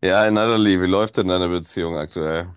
Ja, Natalie, wie läuft denn deine Beziehung aktuell?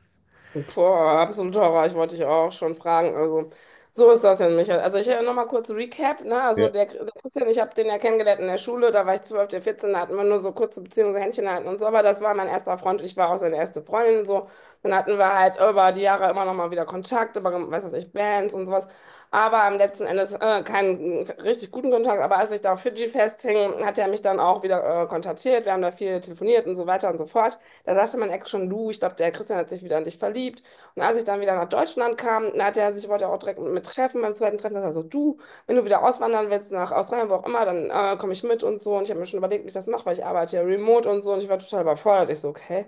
Boah, absolut Horror. Ich wollte dich auch schon fragen. Also, so ist das denn, Michael. Also, ich noch mal kurz Recap. Ne? Also, der Christian, ich habe den ja kennengelernt in der Schule. Da war ich 12, der 14. Da hatten wir nur so kurze Beziehungen, so Händchen halten und so. Aber das war mein erster Freund. Ich war auch seine erste Freundin. So. Dann hatten wir halt über die Jahre immer noch mal wieder Kontakt, über, weiß was ich, Bands und sowas. Aber am letzten Endes keinen richtig guten Kontakt. Aber als ich da auf Fidschi festhing, hat er mich dann auch wieder kontaktiert. Wir haben da viel telefoniert und so weiter und so fort. Da sagte mein Ex schon, du, ich glaube, der Christian hat sich wieder in dich verliebt. Und als ich dann wieder nach Deutschland kam, da hat er sich, wollte er auch direkt mit, mir treffen beim zweiten Treffen. Da sagt er so, du, wenn du wieder auswandern willst nach Australien, wo auch immer, dann komme ich mit und so. Und ich habe mir schon überlegt, wie ich das mache, weil ich arbeite ja remote und so. Und ich war total überfordert. Ich so, okay,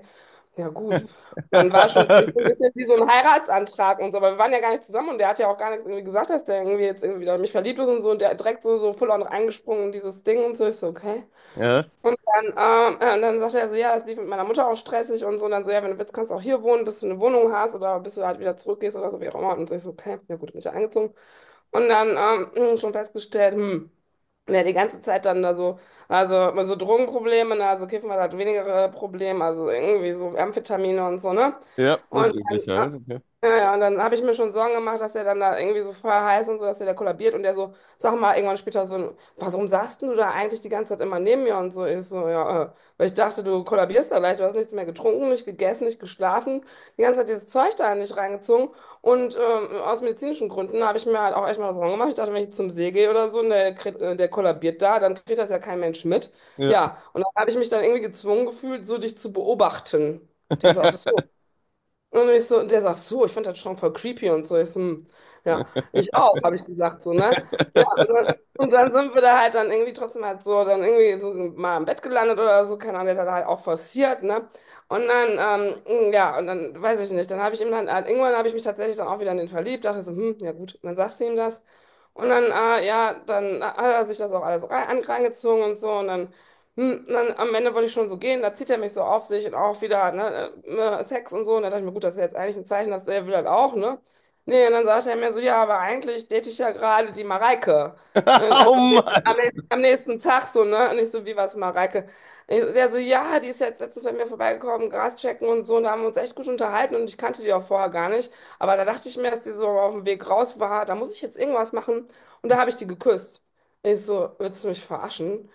ja gut. Und dann war schon für mich so ein bisschen wie so ein Heiratsantrag und so. Aber wir waren ja gar nicht zusammen und der hat ja auch gar nichts irgendwie gesagt, dass der irgendwie jetzt irgendwie wieder in mich verliebt ist und so. Und der hat direkt so, so full on reingesprungen in dieses Ding und so. Ich so, okay. Ja, Dann, dann sagt er so, ja, das lief mit meiner Mutter auch stressig und so. Und dann so, ja, wenn du willst, kannst du auch hier wohnen, bis du eine Wohnung hast oder bis du halt wieder zurückgehst oder so, wie auch immer. Und ich so, okay, ja gut, bin ich ja eingezogen. Und dann schon festgestellt, wer die ganze Zeit dann da so, also immer so Drogenprobleme, ne? Also Kiffen war halt weniger Problem, also irgendwie so Amphetamine und so, ne? ja, das Und Übliche dann, halt. Ja. ja, ja, und dann habe ich mir schon Sorgen gemacht, dass er dann da irgendwie so voll heiß und so, dass er da kollabiert und der so, sag mal, irgendwann später so, warum saßt denn du da eigentlich die ganze Zeit immer neben mir und so? Ich so, ja, weil ich dachte, du kollabierst da leicht, du hast nichts mehr getrunken, nicht gegessen, nicht geschlafen, die ganze Zeit dieses Zeug da nicht reingezogen. Und aus medizinischen Gründen habe ich mir halt auch echt mal das Sorgen gemacht. Ich dachte, wenn ich jetzt zum See gehe oder so und der, der kollabiert da, dann kriegt das ja kein Mensch mit. Ja, und dann habe ich mich dann irgendwie gezwungen gefühlt, so dich zu beobachten. Der ist auch Okay. so. Und ich so, und der sagt so, ich fand das schon voll creepy und so. Ich so, hm, ja, Ja. ich auch, habe ich gesagt, so, ne? Ja, und dann sind wir da halt dann irgendwie trotzdem halt so, dann irgendwie so mal im Bett gelandet oder so, keine Ahnung, der hat da halt auch forciert, ne? Und dann, ja, und dann weiß ich nicht, dann habe ich ihm dann, halt, irgendwann habe ich mich tatsächlich dann auch wieder in den verliebt, dachte so, hm, ja gut, und dann sagst du ihm das. Und dann, ja, dann hat er sich das auch alles rein, angezogen und so, und dann und dann am Ende wollte ich schon so gehen, da zieht er mich so auf sich und auch wieder, ne, Sex und so. Und da dachte ich mir, gut, das ist ja jetzt eigentlich ein Zeichen, dass er will das auch, ne? Nee, und dann sagte er mir so, ja, aber eigentlich date ich ja gerade die Mareike. Und also Oh am Mann! nächsten, am nächsten Tag so, ne? Und ich so, wie was, Mareike? Ich, der so, ja, die ist jetzt letztens bei mir vorbeigekommen, Gras checken und so. Und da haben wir uns echt gut unterhalten und ich kannte die auch vorher gar nicht. Aber da dachte ich mir, dass die so auf dem Weg raus war, da muss ich jetzt irgendwas machen. Und da habe ich die geküsst. Ich so, willst du mich verarschen?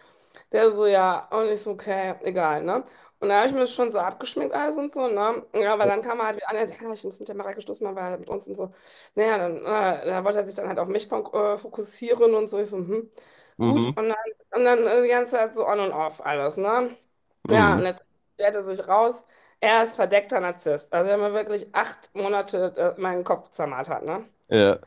Der so, ja, und ich so, okay, egal, ne? Und da habe ich mir das schon so abgeschminkt alles und so, ne? Ja, aber dann kam er halt wieder an, ja, ja, ich muss mit der Mareike Schluss machen, weil er mit uns und so. Naja, dann, da wollte er sich dann halt auf mich fokussieren und so. Ich so, hm, gut. Mhm, Und dann die ganze Zeit so on und off alles, ne? Ja, und mhm. jetzt stellt er sich raus, er ist verdeckter Narzisst. Also er hat mir wirklich 8 Monate meinen Kopf zermartert, ne? Ja,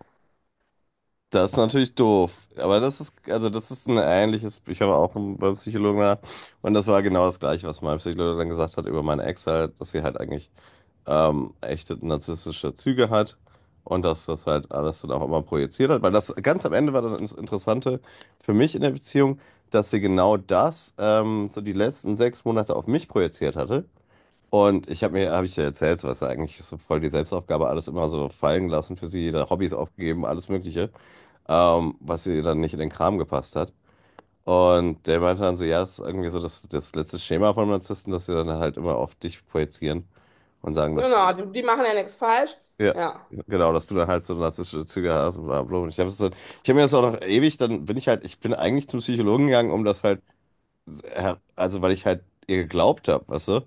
das ist natürlich doof. Aber das ist, also das ist ein ähnliches, ich habe auch einen- beim Psychologen nach. Und das war genau das Gleiche, was mein Psychologe dann gesagt hat über meine Ex halt, dass sie halt eigentlich echte narzisstische Züge hat und dass das halt alles dann auch immer projiziert hat. Weil das ganz am Ende war dann das Interessante für mich in der Beziehung, dass sie genau das so die letzten 6 Monate auf mich projiziert hatte. Und ich habe mir, habe ich dir erzählt, so was ja eigentlich so voll die Selbstaufgabe, alles immer so fallen lassen für sie, ihre Hobbys aufgegeben, alles Mögliche, was ihr dann nicht in den Kram gepasst hat. Und der meinte dann so, ja, das ist irgendwie so das letzte Schema von Narzissten, dass sie dann halt immer auf dich projizieren und sagen, dass du Genau, die machen ja nichts falsch. ja, Ja. genau, dass du dann halt so narzisstische Züge hast und bla bla. Und ich habe dann, ich habe mir das auch noch ewig, dann bin ich halt, ich bin eigentlich zum Psychologen gegangen, um das halt, also weil ich halt ihr geglaubt habe, weißt du?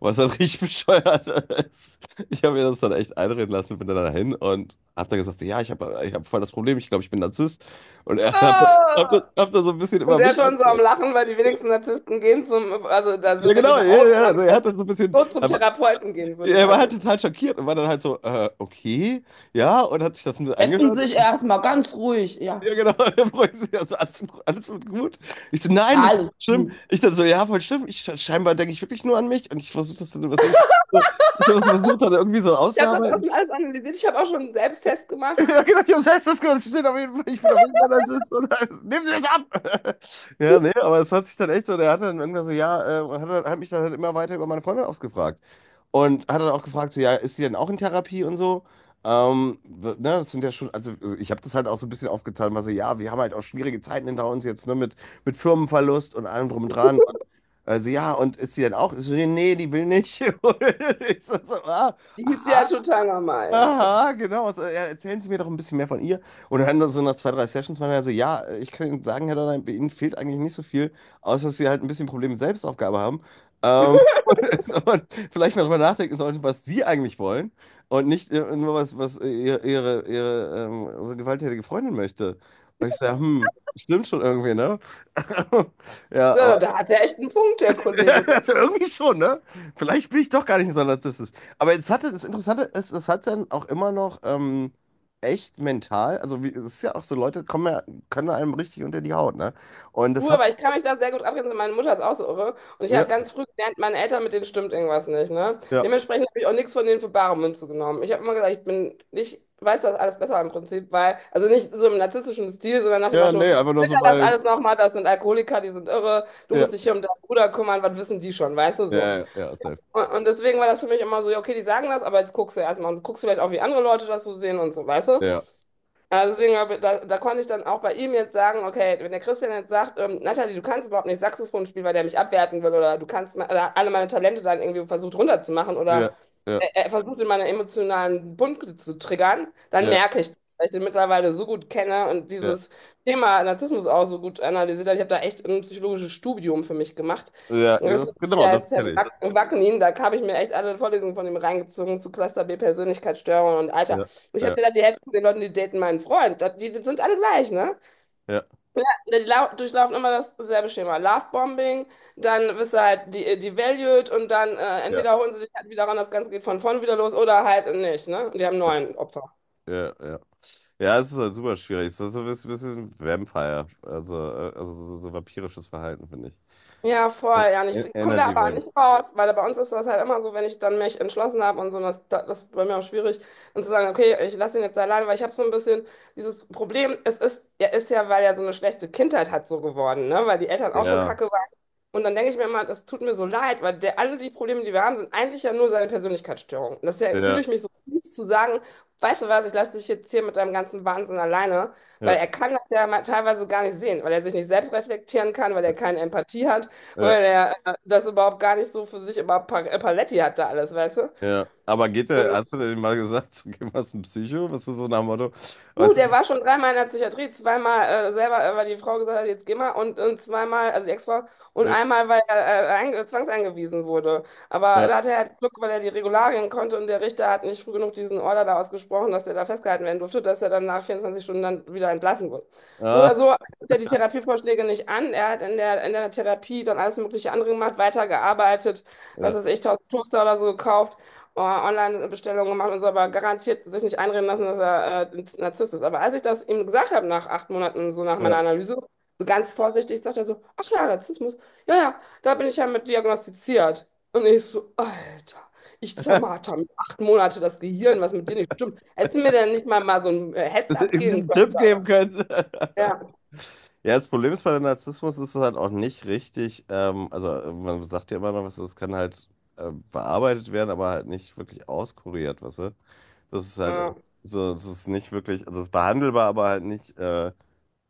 Was dann richtig bescheuert ist. Ich habe mir das dann echt einreden lassen, bin dann dahin und hab dann gesagt, so, ja, ich habe ich hab voll das Problem, ich glaube, ich bin Narzisst. Und er hat hab das so ein bisschen über Und der mich schon so am erzählt. Lachen, weil die wenigsten Narzissten gehen zum, also da Ja, ist wirklich genau, ja, eine ja, Ausnahme, also er hat dann so ein die bisschen, so zum aber Therapeuten gehen würde, er war weißt halt du. total schockiert und war dann halt so, okay. Ja, und hat sich das mit Setzen angehört. sich erstmal ganz ruhig, ja. Ja, genau. Der freut sich, also alles, alles wird gut. Ich so, nein, das ist Alles schlimm. gut. Ich dann so, ja, voll schlimm. Ich, scheinbar denke ich wirklich nur an mich und ich versuche das dann, was ich, so- ich versuche dann irgendwie so Ich habe das auch auszuarbeiten. schon alles analysiert. Ich habe auch schon einen Selbsttest gemacht. Ja, genau, ich habe selbst das gehört. Es steht auf jeden Fall, ich bin auf jeden Fall Narzisst. Und dann, nehmen Sie mich ab! Ja, nee, aber es hat sich dann echt so, der hat dann irgendwann so, ja, und hat, dann- hat mich dann halt immer weiter über meine Freundin ausgefragt. Und hat dann auch gefragt, so, ja, ist sie denn auch in Therapie und so? W- ne, das sind ja schon, also ich habe das halt auch so ein bisschen aufgeteilt, war so, ja, wir haben halt auch schwierige Zeiten hinter uns jetzt, ne, mit Firmenverlust und allem drum und dran. Also, ja, und ist sie denn auch? Ich so, nee, die will nicht. Und ich so, so, ah, Die ist ja total normal, ja. aha, genau. So, ja, erzählen Sie mir doch ein bisschen mehr von ihr. Und dann so nach 2, 3 Sessions waren er so, ja, ich kann Ihnen sagen, Herr Donner, bei Ihnen fehlt eigentlich nicht so viel, außer dass Sie halt ein bisschen Probleme mit Selbstaufgabe haben. Ähm, und, und vielleicht mal drüber nachdenken sollten, was Sie eigentlich wollen und nicht nur was, was ihre also gewalttätige Freundin möchte. Und ich sage, hm, stimmt schon irgendwie, ne? Ja, Ja, da hat er echt einen Punkt, der Kollege, ne? also irgendwie schon, ne? Vielleicht bin ich doch gar nicht so narzisstisch. Aber jetzt hatte, das Interessante ist, es hat dann auch immer noch echt mental, also wie, es ist ja auch so, Leute kommen ja, können einem richtig unter die Haut, ne? Und das Du, hat, aber ich kann mich da sehr gut abgrenzen. Meine Mutter ist auch so irre. Und ich ja, habe ganz früh gelernt, meine Eltern, mit denen stimmt irgendwas nicht. Ne? ja, Dementsprechend habe ich auch nichts von denen für bare Münze genommen. Ich habe immer gesagt, ich bin, ich weiß das alles besser im Prinzip, weil, also nicht so im narzisstischen Stil, sondern nach dem ja, Motto, nee, einfach nur sicher so, das weil, alles nochmal, das sind Alkoholiker, die sind irre, du ja, musst dich hier um deinen Bruder kümmern, was wissen die schon, weißt du ja, so. ja, ja, safe. Und deswegen war das für mich immer so, ja, okay, die sagen das, aber jetzt guckst du erstmal und guckst vielleicht auch, wie andere Leute das so sehen und so, weißt du? Ja, Also deswegen, da konnte ich dann auch bei ihm jetzt sagen, okay, wenn der Christian jetzt sagt, Natalie, du kannst überhaupt nicht Saxophon spielen, weil der mich abwerten will oder du kannst oder alle meine Talente dann irgendwie versucht runterzumachen ja, oder ja, er versucht in meiner emotionalen Punkte zu triggern, dann ja, merke ich das, weil ich den mittlerweile so gut kenne und ja, dieses Thema Narzissmus auch so gut analysiert habe. Ich habe da echt ein psychologisches Studium für mich gemacht. ja, Und das, das, genau, der das ist Sam kenne ich. Wackenin, da habe ich mir echt alle Vorlesungen von ihm reingezogen zu Cluster B Persönlichkeitsstörungen und Alter. Ja, Ich habe ja, gedacht, die Hälfte von den Leuten, die daten meinen Freund, das- die, die sind alle gleich, ne? ja, Die durchlaufen immer dasselbe Schema. Lovebombing, dann wirst du halt devalued und dann ja, entweder holen sie dich halt wieder ran, das Ganze geht von vorn wieder los oder halt nicht, ne? Und die haben ja, 9 Opfer. ja, ja. Ja, es ist halt super schwierig. Es ist so ein bisschen Vampire, also so, so vampirisches Verhalten, finde ich. Ja, voll, En- ja. Und En- ich komme da Energy aber Vamp. nicht raus, weil bei uns ist das halt immer so, wenn ich dann mich entschlossen habe und so, das ist bei mir auch schwierig, dann zu sagen, okay, ich lasse ihn jetzt alleine, weil ich habe so ein bisschen dieses Problem, es ist, er ist ja, weil er so eine schlechte Kindheit hat, so geworden, ne? Weil die Eltern auch schon Ja, kacke waren. Und dann denke ich mir immer, das tut mir so leid, weil der, alle die Probleme, die wir haben, sind eigentlich ja nur seine Persönlichkeitsstörung. Und das ist ja, fühle ja, ich mich so fies zu sagen, weißt du was, ich lasse dich jetzt hier mit deinem ganzen Wahnsinn alleine, ja, weil er kann das ja mal teilweise gar nicht sehen, weil er sich nicht selbst reflektieren kann, weil er ja, keine Empathie hat. ja, Weil er das überhaupt gar nicht so für sich immer Paletti hatte alles, weißt du? ja. Aber geht der, hast du denn mal gesagt, so geh mal zum Psycho? Was ist so nach dem Motto? Weißt du, Der war schon dreimal in der Psychiatrie, zweimal selber, weil die Frau gesagt hat, jetzt geh mal und zweimal, also die Ex-Frau, so, und ja, einmal, weil er zwangseingewiesen wurde. Aber ja, da hatte er halt Glück, weil er die Regularien konnte und der Richter hat nicht früh genug diesen Order da ausgesprochen, dass er da festgehalten werden durfte, dass er dann nach 24 Stunden dann wieder entlassen wurde. So ah, oder so nimmt er die Therapievorschläge nicht an. Er hat in der Therapie dann alles mögliche andere gemacht, weitergearbeitet, weiß ja, was ich, 1000 Toaster oder so gekauft, oh, Online-Bestellungen gemacht und so, aber garantiert sich nicht einreden lassen, dass er Narzisst ist. Aber als ich das ihm gesagt habe, nach 8 Monaten, so nach ja. meiner Analyse, so ganz vorsichtig, sagt er so, ach ja, Narzissmus, ja, ja, da bin ich ja mit diagnostiziert. Und ich so, Alter, ich zermarter mit 8 Monate das Gehirn, was mit dir nicht stimmt. Hättest du mir denn nicht mal so ein Heads-up geben Einen können? Tipp geben können. Ja, Ja, das Problem ist bei dem Narzissmus ist es halt auch nicht richtig, also man sagt ja immer noch, was das kann halt bearbeitet werden, aber halt nicht wirklich auskuriert, weißt du? Das ist halt ja, irgendwie so, es ist nicht wirklich, also es ist behandelbar, aber halt nicht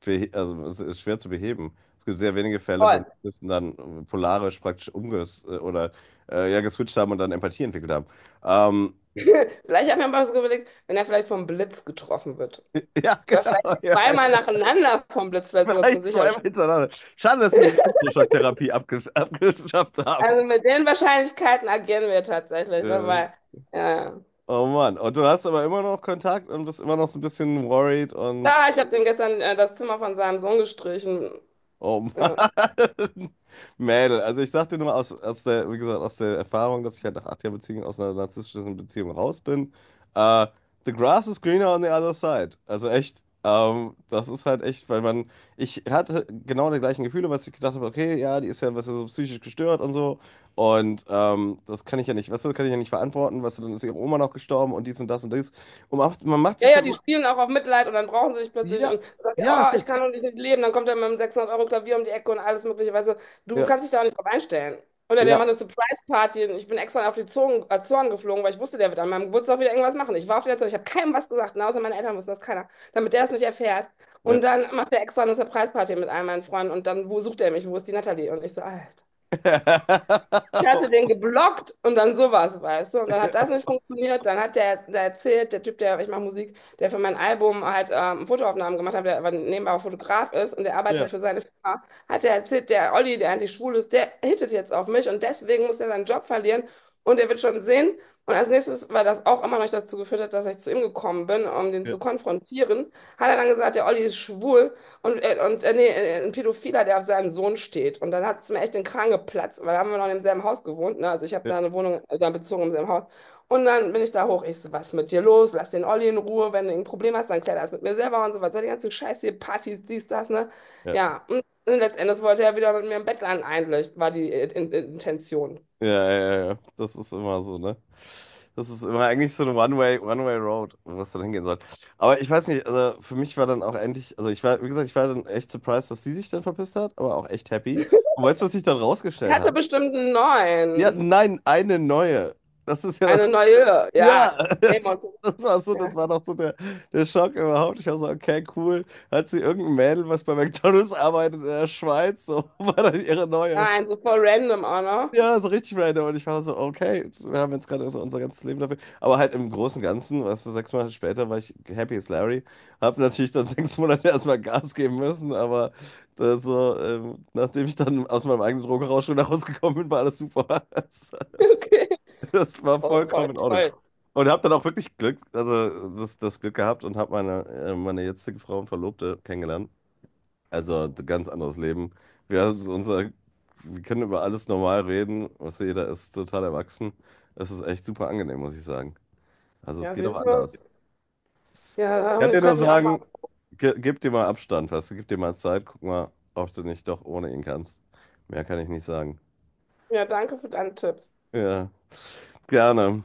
behe- also es ist schwer zu beheben. Es gibt sehr wenige Fälle, wo voll. die Narzissten dann polarisch praktisch umges oder ja, geswitcht haben und dann Empathie entwickelt haben. Ähm, Vielleicht habe ich mir mal so überlegt, wenn er vielleicht vom Blitz getroffen wird. ja, Oder genau. vielleicht Ja, ja. zweimal nacheinander vom Blitz, vielleicht sogar zum Vielleicht zweimal Sicherstellen. hintereinander. Schade, dass sie die Elektroschocktherapie abge abgeschafft haben. Also mit den Wahrscheinlichkeiten agieren wir tatsächlich, ne? Ja. Weil, ja. Oh Mann. Und du hast aber immer noch Kontakt und bist immer noch so ein bisschen worried und Ja, ich habe dem gestern das Zimmer von seinem Sohn gestrichen. oh Mann. Ja. Mädel, also ich sag dir nur aus, aus der, wie gesagt, aus der Erfahrung, dass ich halt nach 8 Jahren Beziehung aus einer narzisstischen Beziehung raus bin. Äh, The grass is greener on the other side. Also echt, das ist halt echt, weil man, ich hatte genau die gleichen Gefühle, was ich gedacht habe, okay, ja, die ist ja, was ja so psychisch gestört und so. Und das kann ich ja nicht, weißt du, kann ich ja nicht verantworten, weißt du, dann ist ihre Oma noch gestorben und dies und das und dies. Und man macht sich Ja, ja, das, die spielen auch auf Mitleid und dann brauchen sie sich plötzlich ja, und du sagst ja, ja, oh, safe. ich kann doch nicht leben. Dann kommt er mit einem 600-Euro-Klavier um die Ecke und alles Mögliche. Weißt du, du Ja, kannst dich da nicht drauf einstellen. Oder der ja. macht eine Surprise-Party und ich bin extra auf die Zonen Azoren geflogen, weil ich wusste, der wird an meinem Geburtstag wieder irgendwas machen. Ich war auf den Azoren, ich habe keinem was gesagt, na, außer meine Eltern wussten das keiner, damit der es nicht erfährt. Ja. Und dann macht er extra eine Surprise-Party mit all meinen Freunden und dann, wo sucht er mich? Wo ist die Natalie? Und ich so, Alter. Ich hatte den geblockt und dann sowas, weißt du? Und dann hat das nicht funktioniert. Dann hat der, der erzählt, der Typ, der, ich mache Musik, der für mein Album halt Fotoaufnahmen gemacht hat, der aber nebenbei auch Fotograf ist und der arbeitet Ja, für seine Firma, hat der erzählt, der Olli, der eigentlich schwul ist, der hittet jetzt auf mich und deswegen muss er seinen Job verlieren und er wird schon sehen. Und als nächstes, weil das auch immer noch dazu geführt hat, dass ich zu ihm gekommen bin, um den ja, zu konfrontieren, hat er dann gesagt, der Olli ist schwul und, nee, ein Pädophiler, der auf seinen Sohn steht. Und dann hat es mir echt den Kragen geplatzt, weil da haben wir noch im selben Haus gewohnt. Ne? Also ich habe ja, da eine Wohnung da bezogen im selben Haus. Und dann bin ich da hoch. Ich so, was ist mit dir los? Lass den Olli in Ruhe. Wenn du ein Problem hast, dann klär das mit mir selber und so was. So die ganze Scheiße hier, Partys, dies, das, ne? ja, Ja, und letztendlich wollte er wieder mit mir im Bett landen, eigentlich, war die Intention. ja, ja, ja. Ja. Das ist immer so, ne? Das ist immer eigentlich so eine One-Way, One-Way-Road, wo es dann hingehen soll. Aber ich weiß nicht, also für mich war dann auch endlich, also ich war, wie gesagt, ich war dann echt surprised, dass sie sich dann verpisst hat, aber auch echt happy. Und weißt du, was sich dann Er rausgestellt hatte hat? bestimmt einen Ja, neuen. nein, eine neue. Das ist ja Eine das, neue. ja, Ja, nehmen wir das, uns. das war so, Ja. das war noch so der, der Schock überhaupt. Ich war so, okay, cool. Hat sie irgendein Mädel, was bei McDonald's arbeitet in der Schweiz, so war dann ihre neue. Nein, so voll random auch noch. Ja, so richtig random. Und ich war so, okay, wir haben jetzt gerade so unser ganzes Leben dafür. Aber halt im Großen und Ganzen, weißt du, 6 Monate später war ich happy as Larry. Hab natürlich dann 6 Monate erstmal Gas geben müssen, aber da so, nachdem ich dann aus meinem eigenen Drogenrausch wieder rausgekommen bin, war alles super. Okay. Das das war Toll, toll, vollkommen in Ordnung. toll. Und hab dann auch wirklich Glück, also das, das Glück gehabt und hab meine, meine jetzige Frau und Verlobte kennengelernt. Also ein ganz anderes Leben. Wir, haben es unser, wir können über alles normal reden. Was jeder ist total erwachsen. Es ist echt super angenehm, muss ich sagen. Also es Ja, geht auch siehst du? anders. Ja, Ich kann hoffentlich dir nur treffe ich auch mal. sagen, ge gib dir mal Abstand, weißt du, gib dir mal Zeit, guck mal, ob du nicht doch ohne ihn kannst. Mehr kann ich nicht sagen. Ja, danke für deine Tipps. Ja, gerne.